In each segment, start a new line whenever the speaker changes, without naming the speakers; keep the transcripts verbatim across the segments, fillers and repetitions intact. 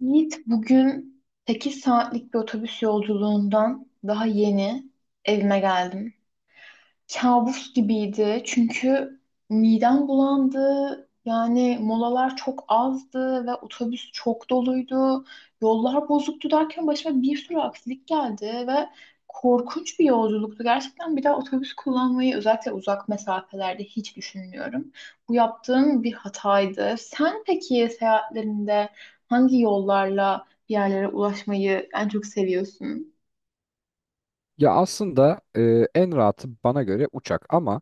Yiğit, bugün sekiz saatlik bir otobüs yolculuğundan daha yeni evime geldim. Kabus gibiydi çünkü midem bulandı. Yani molalar çok azdı ve otobüs çok doluydu. Yollar bozuktu derken başıma bir sürü aksilik geldi ve korkunç bir yolculuktu. Gerçekten bir daha otobüs kullanmayı, özellikle uzak mesafelerde, hiç düşünmüyorum. Bu yaptığım bir hataydı. Sen peki seyahatlerinde hangi yollarla bir yerlere ulaşmayı en çok seviyorsun?
Ya aslında e, en rahatı bana göre uçak ama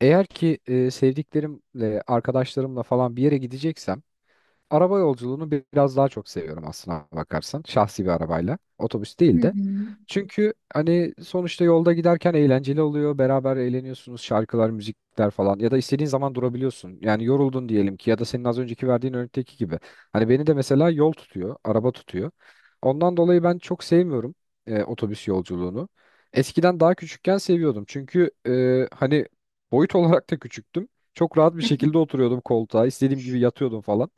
eğer ki e, sevdiklerimle, arkadaşlarımla falan bir yere gideceksem araba yolculuğunu biraz daha çok seviyorum aslına bakarsan. Şahsi bir arabayla. Otobüs
Hı
değil de.
hı.
Çünkü hani sonuçta yolda giderken eğlenceli oluyor. Beraber eğleniyorsunuz. Şarkılar, müzikler falan. Ya da istediğin zaman durabiliyorsun. Yani yoruldun diyelim ki ya da senin az önceki verdiğin örnekteki gibi. Hani beni de mesela yol tutuyor, araba tutuyor. Ondan dolayı ben çok sevmiyorum e, otobüs yolculuğunu. Eskiden daha küçükken seviyordum. Çünkü e, hani boyut olarak da küçüktüm. Çok rahat bir şekilde oturuyordum koltuğa. İstediğim gibi yatıyordum falan.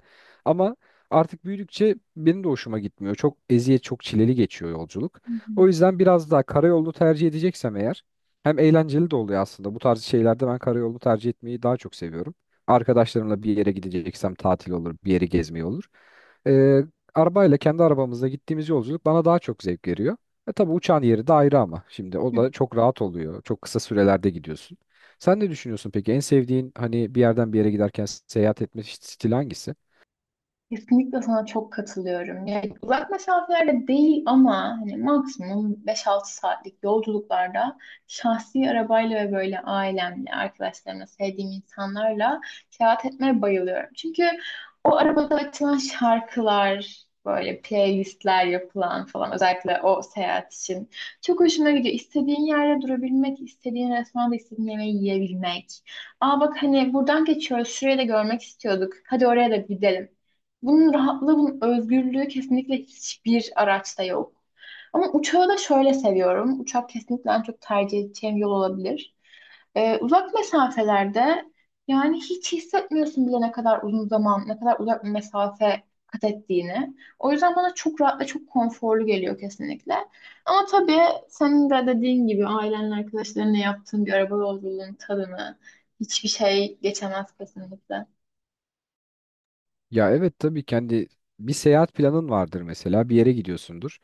Ama artık büyüdükçe benim de hoşuma gitmiyor. Çok eziyet, çok çileli geçiyor yolculuk. O yüzden biraz daha karayolunu tercih edeceksem eğer hem eğlenceli de oluyor aslında. Bu tarz şeylerde ben karayolunu tercih etmeyi daha çok seviyorum. Arkadaşlarımla bir yere gideceksem tatil olur, bir yere gezmeye olur. Ee, Arabayla kendi arabamızla gittiğimiz yolculuk bana daha çok zevk veriyor. E tabii uçağın yeri de ayrı ama şimdi o da çok rahat oluyor. Çok kısa sürelerde gidiyorsun. Sen ne düşünüyorsun peki? En sevdiğin hani bir yerden bir yere giderken seyahat etme stili hangisi?
Kesinlikle sana çok katılıyorum. Yani uzak mesafelerde değil ama hani maksimum beş altı saatlik yolculuklarda şahsi arabayla ve böyle ailemle, arkadaşlarımla, sevdiğim insanlarla seyahat etmeye bayılıyorum. Çünkü o arabada açılan şarkılar, böyle playlistler yapılan falan, özellikle o seyahat için çok hoşuma gidiyor. İstediğin yerde durabilmek, istediğin restoranda istediğin yemeği yiyebilmek. Aa, bak hani buradan geçiyoruz, şurayı da görmek istiyorduk, hadi oraya da gidelim. Bunun rahatlığı, bunun özgürlüğü kesinlikle hiçbir araçta yok. Ama uçağı da şöyle seviyorum. Uçak kesinlikle en çok tercih edeceğim yol olabilir. Ee, uzak mesafelerde yani hiç hissetmiyorsun bile ne kadar uzun zaman, ne kadar uzak bir mesafe kat ettiğini. O yüzden bana çok rahat ve çok konforlu geliyor kesinlikle. Ama tabii, senin de dediğin gibi, ailenle, arkadaşlarınla yaptığın bir araba yolculuğunun tadını hiçbir şey geçemez kesinlikle.
Ya evet tabii kendi bir seyahat planın vardır mesela bir yere gidiyorsundur.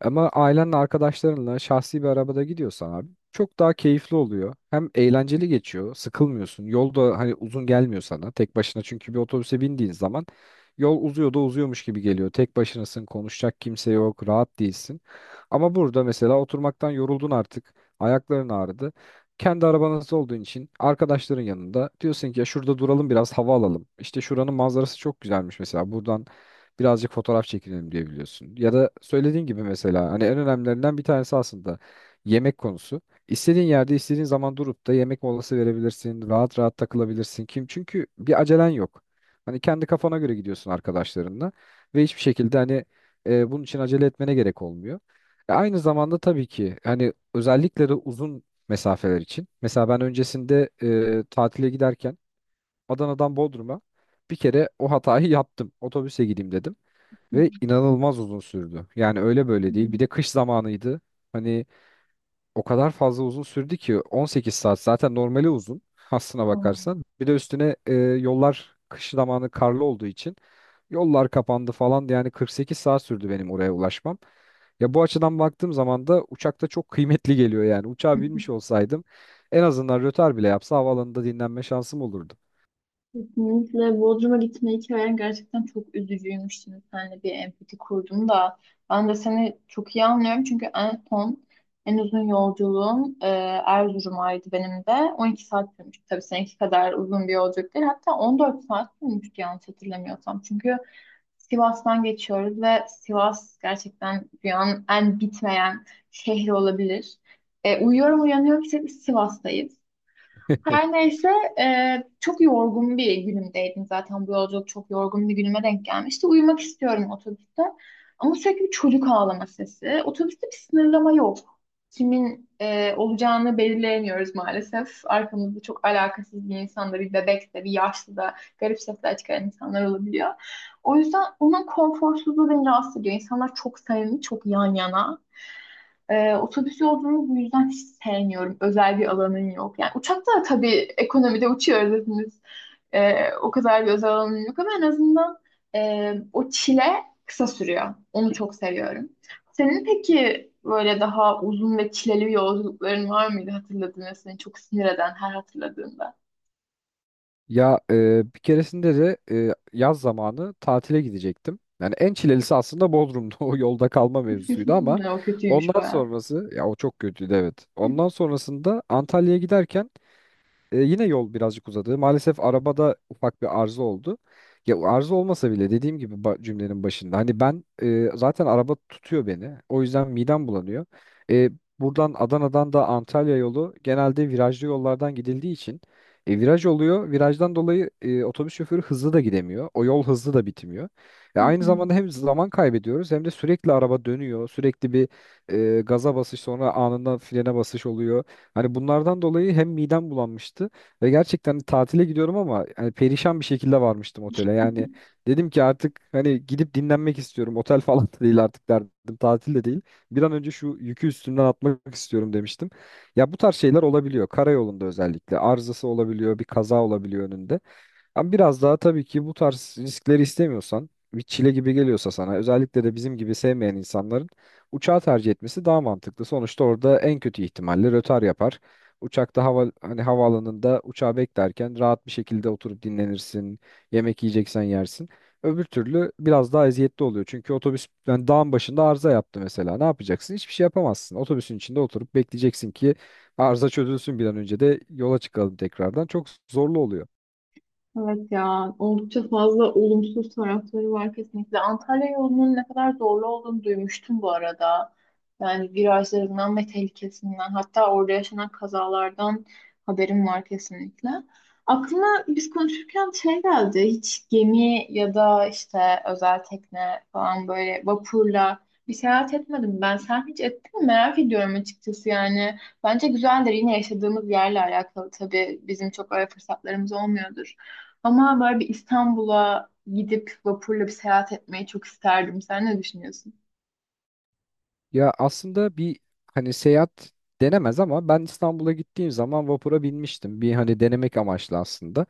Ama ailenle arkadaşlarınla şahsi bir arabada gidiyorsan abi çok daha keyifli oluyor. Hem eğlenceli geçiyor, sıkılmıyorsun. Yol da hani uzun gelmiyor sana tek başına çünkü bir otobüse bindiğin zaman yol uzuyor da uzuyormuş gibi geliyor. Tek başınasın, konuşacak kimse yok, rahat değilsin. Ama burada mesela oturmaktan yoruldun artık. Ayakların ağrıdı. Kendi arabanız olduğun için arkadaşların yanında diyorsun ki ya şurada duralım biraz hava alalım. İşte şuranın manzarası çok güzelmiş mesela buradan birazcık fotoğraf çekinelim diyebiliyorsun. Ya da söylediğin gibi mesela hani en önemlilerinden bir tanesi aslında yemek konusu. İstediğin yerde istediğin zaman durup da yemek molası verebilirsin. Rahat rahat takılabilirsin. Kim? Çünkü bir acelen yok. Hani kendi kafana göre gidiyorsun arkadaşlarınla ve hiçbir şekilde hani e, bunun için acele etmene gerek olmuyor. E, Aynı zamanda tabii ki hani özellikle de uzun mesafeler için. Mesela ben öncesinde e, tatile giderken Adana'dan Bodrum'a bir kere o hatayı yaptım. Otobüse gideyim dedim
Hı
ve inanılmaz uzun sürdü. Yani öyle böyle değil. Bir de
hı.
kış zamanıydı. Hani o kadar fazla uzun sürdü ki on sekiz saat zaten normali uzun aslına
Tamam.
bakarsan. Bir de üstüne e, yollar kış zamanı karlı olduğu için yollar kapandı falan, yani kırk sekiz saat sürdü benim oraya ulaşmam. Ya bu açıdan baktığım zaman da uçakta çok kıymetli geliyor yani. Uçağa binmiş olsaydım en azından rötar bile yapsa havaalanında dinlenme şansım olurdu.
Kesinlikle Bodrum'a gitme hikayen gerçekten çok üzücüymüş. Şimdi seninle bir empati kurdum da. Ben de seni çok iyi anlıyorum. Çünkü en son en uzun yolculuğum e, Erzurum'aydı benim de. on iki saat sürmüştü. Tabii seninki kadar uzun bir yolculuk değil. Hatta on dört saat sürmüştü yanlış hatırlamıyorsam. Çünkü Sivas'tan geçiyoruz ve Sivas gerçekten dünyanın en bitmeyen şehri olabilir. E, uyuyorum, uyanıyorum, sürekli Sivas'tayız. Her neyse, e, çok yorgun bir günümdeydim, zaten bu yolculuk çok yorgun bir günüme denk gelmişti. Uyumak istiyorum otobüste ama sürekli bir çocuk ağlama sesi. Otobüste bir sınırlama yok. Kimin e, olacağını belirleyemiyoruz maalesef. Arkamızda çok alakasız bir insan da, bir bebek de, bir yaşlı da, garip sesler çıkaran insanlar olabiliyor. O yüzden onun konforsuzluğu beni rahatsız ediyor. İnsanlar çok samimi, çok yan yana. Ee, otobüs yolculuğunu bu yüzden hiç sevmiyorum. Özel bir alanın yok. Yani uçakta da tabii ekonomide uçuyoruz hepimiz. Ee, o kadar bir özel alanın yok ama en azından e, o çile kısa sürüyor. Onu çok seviyorum. Senin peki böyle daha uzun ve çileli yolculukların var mıydı hatırladığın ve seni çok sinir eden her hatırladığında?
Ya e, bir keresinde de e, yaz zamanı tatile gidecektim. Yani en çilelisi aslında Bodrum'da o yolda kalma mevzusuydu ama
O kötüymüş
ondan
bayağı.
sonrası ya o çok kötüydü, evet. Ondan sonrasında Antalya'ya giderken e, yine yol birazcık uzadı. Maalesef arabada ufak bir arıza oldu. Ya arıza olmasa bile dediğim gibi ba- cümlenin başında. Hani ben e, zaten araba tutuyor beni. O yüzden midem bulanıyor. E, Buradan Adana'dan da Antalya yolu genelde virajlı yollardan gidildiği için e, viraj oluyor. Virajdan dolayı e, otobüs şoförü hızlı da gidemiyor. O yol hızlı da bitmiyor. E, aynı zamanda hem zaman kaybediyoruz hem de sürekli araba dönüyor. Sürekli bir e, gaza basış sonra anında frene basış oluyor. Hani bunlardan dolayı hem midem bulanmıştı ve gerçekten hani tatile gidiyorum ama hani perişan bir şekilde varmıştım otele. Yani dedim ki artık hani gidip dinlenmek istiyorum. Otel falan da değil artık derdim. Tatil de değil. Bir an önce şu yükü üstümden atmak istiyorum demiştim. Ya bu tarz şeyler olabiliyor. Karayolunda özellikle arızası olabiliyor, bir kaza olabiliyor önünde. Ama biraz daha tabii ki bu tarz riskleri istemiyorsan, bir çile gibi geliyorsa sana, özellikle de bizim gibi sevmeyen insanların uçağı tercih etmesi daha mantıklı. Sonuçta orada en kötü ihtimalle rötar yapar. Uçakta hava hani havaalanında uçağı beklerken rahat bir şekilde oturup dinlenirsin, yemek yiyeceksen yersin. Öbür türlü biraz daha eziyetli oluyor. Çünkü otobüs yani dağın başında arıza yaptı mesela. Ne yapacaksın? Hiçbir şey yapamazsın. Otobüsün içinde oturup bekleyeceksin ki arıza çözülsün bir an önce de yola çıkalım tekrardan. Çok zorlu oluyor.
Evet ya, oldukça fazla olumsuz tarafları var kesinlikle. Antalya yolunun ne kadar zorlu olduğunu duymuştum bu arada. Yani virajlarından ve tehlikesinden, hatta orada yaşanan kazalardan haberim var kesinlikle. Aklıma biz konuşurken şey geldi, hiç gemi ya da işte özel tekne falan, böyle vapurla bir seyahat etmedim ben. Sen hiç ettin mi? Merak ediyorum açıkçası yani. Bence güzeldir, yine yaşadığımız yerle alakalı tabii bizim çok öyle fırsatlarımız olmuyordur. Ama böyle bir İstanbul'a gidip vapurla bir seyahat etmeyi çok isterdim. Sen ne düşünüyorsun?
Ya aslında bir hani seyahat denemez ama ben İstanbul'a gittiğim zaman vapura binmiştim. Bir hani denemek amaçlı aslında.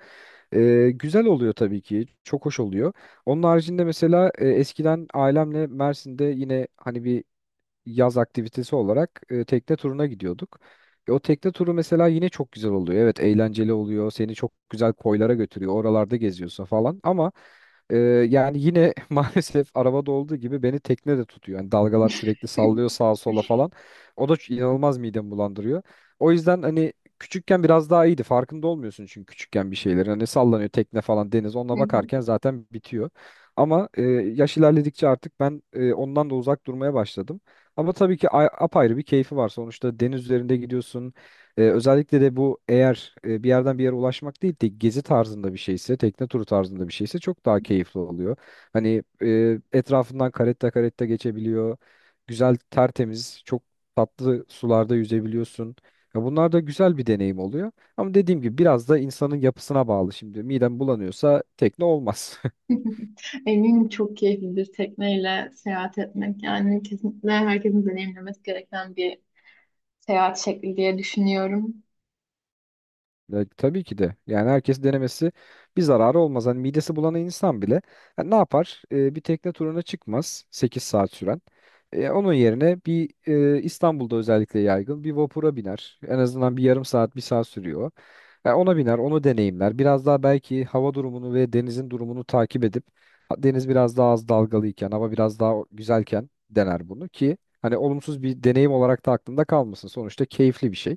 Ee, güzel oluyor tabii ki. Çok hoş oluyor. Onun haricinde mesela e, eskiden ailemle Mersin'de yine hani bir yaz aktivitesi olarak e, tekne turuna gidiyorduk. E, o tekne turu mesela yine çok güzel oluyor. Evet, eğlenceli oluyor. Seni çok güzel koylara götürüyor. Oralarda geziyorsun falan ama e, yani yine maalesef arabada olduğu gibi beni tekne de tutuyor. Yani dalgalar sürekli sallıyor sağa sola falan. O da ç- inanılmaz midemi bulandırıyor. O yüzden hani küçükken biraz daha iyiydi. Farkında olmuyorsun çünkü küçükken bir şeylerin. Hani sallanıyor tekne falan, deniz. Onunla bakarken zaten bitiyor. Ama e, yaş ilerledikçe artık ben e, ondan da uzak durmaya başladım. Ama tabii ki a- apayrı bir keyfi var. Sonuçta deniz üzerinde gidiyorsun. Ee, özellikle de bu eğer e, bir yerden bir yere ulaşmak değil de gezi tarzında bir şeyse, tekne turu tarzında bir şeyse çok daha keyifli oluyor. Hani e, etrafından karetta karetta geçebiliyor. Güzel, tertemiz, çok tatlı sularda yüzebiliyorsun. Ya bunlar da güzel bir deneyim oluyor. Ama dediğim gibi biraz da insanın yapısına bağlı şimdi. Midem bulanıyorsa tekne olmaz.
Eminim çok keyiflidir tekneyle seyahat etmek. Yani kesinlikle herkesin deneyimlemesi gereken bir seyahat şekli diye düşünüyorum.
Ya, tabii ki de. Yani herkes denemesi bir zararı olmaz. Hani midesi bulan insan bile ha, ne yapar? Ee, bir tekne turuna çıkmaz sekiz saat süren. Ee, onun yerine bir e, İstanbul'da özellikle yaygın bir vapura biner. En azından bir yarım saat, bir saat sürüyor. Ya ona biner, onu deneyimler. Biraz daha belki hava durumunu ve denizin durumunu takip edip ha, deniz biraz daha az dalgalıyken, hava biraz daha güzelken dener bunu ki hani olumsuz bir deneyim olarak da aklında kalmasın. Sonuçta keyifli bir şey.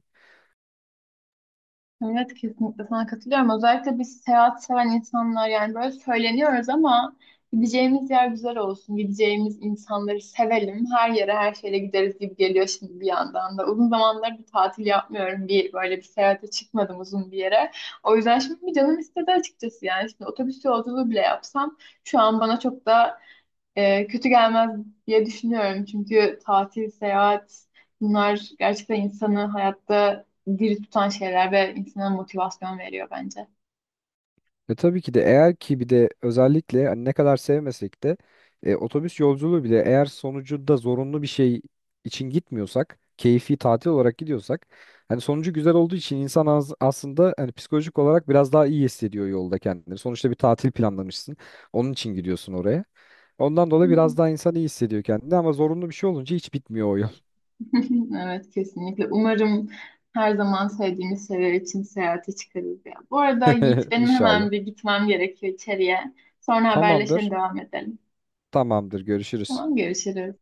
Evet, kesinlikle sana katılıyorum. Özellikle biz seyahat seven insanlar yani böyle söyleniyoruz ama gideceğimiz yer güzel olsun, gideceğimiz insanları sevelim, her yere her şeyle gideriz gibi geliyor şimdi bir yandan da. Uzun zamanlar bir tatil yapmıyorum. Bir, böyle bir seyahate çıkmadım uzun bir yere. O yüzden şimdi bir canım istedi açıkçası yani. Şimdi otobüs yolculuğu bile yapsam şu an bana çok da e, kötü gelmez diye düşünüyorum. Çünkü tatil, seyahat, bunlar gerçekten insanı hayatta diri tutan şeyler ve insana motivasyon veriyor bence.
E tabii ki de eğer ki bir de özellikle hani ne kadar sevmesek de e, otobüs yolculuğu bile eğer sonucunda zorunlu bir şey için gitmiyorsak, keyfi tatil olarak gidiyorsak hani sonucu güzel olduğu için insan az, aslında hani psikolojik olarak biraz daha iyi hissediyor yolda kendini. Sonuçta bir tatil planlamışsın. Onun için gidiyorsun oraya. Ondan dolayı biraz daha insan iyi hissediyor kendini ama zorunlu bir şey olunca hiç bitmiyor o yol.
Evet, kesinlikle. Umarım her zaman sevdiğimiz şeyler için seyahate çıkarız ya. Bu arada Yiğit, benim
İnşallah.
hemen bir gitmem gerekiyor içeriye. Sonra haberleşelim,
Tamamdır.
devam edelim.
Tamamdır. Görüşürüz.
Tamam, görüşürüz.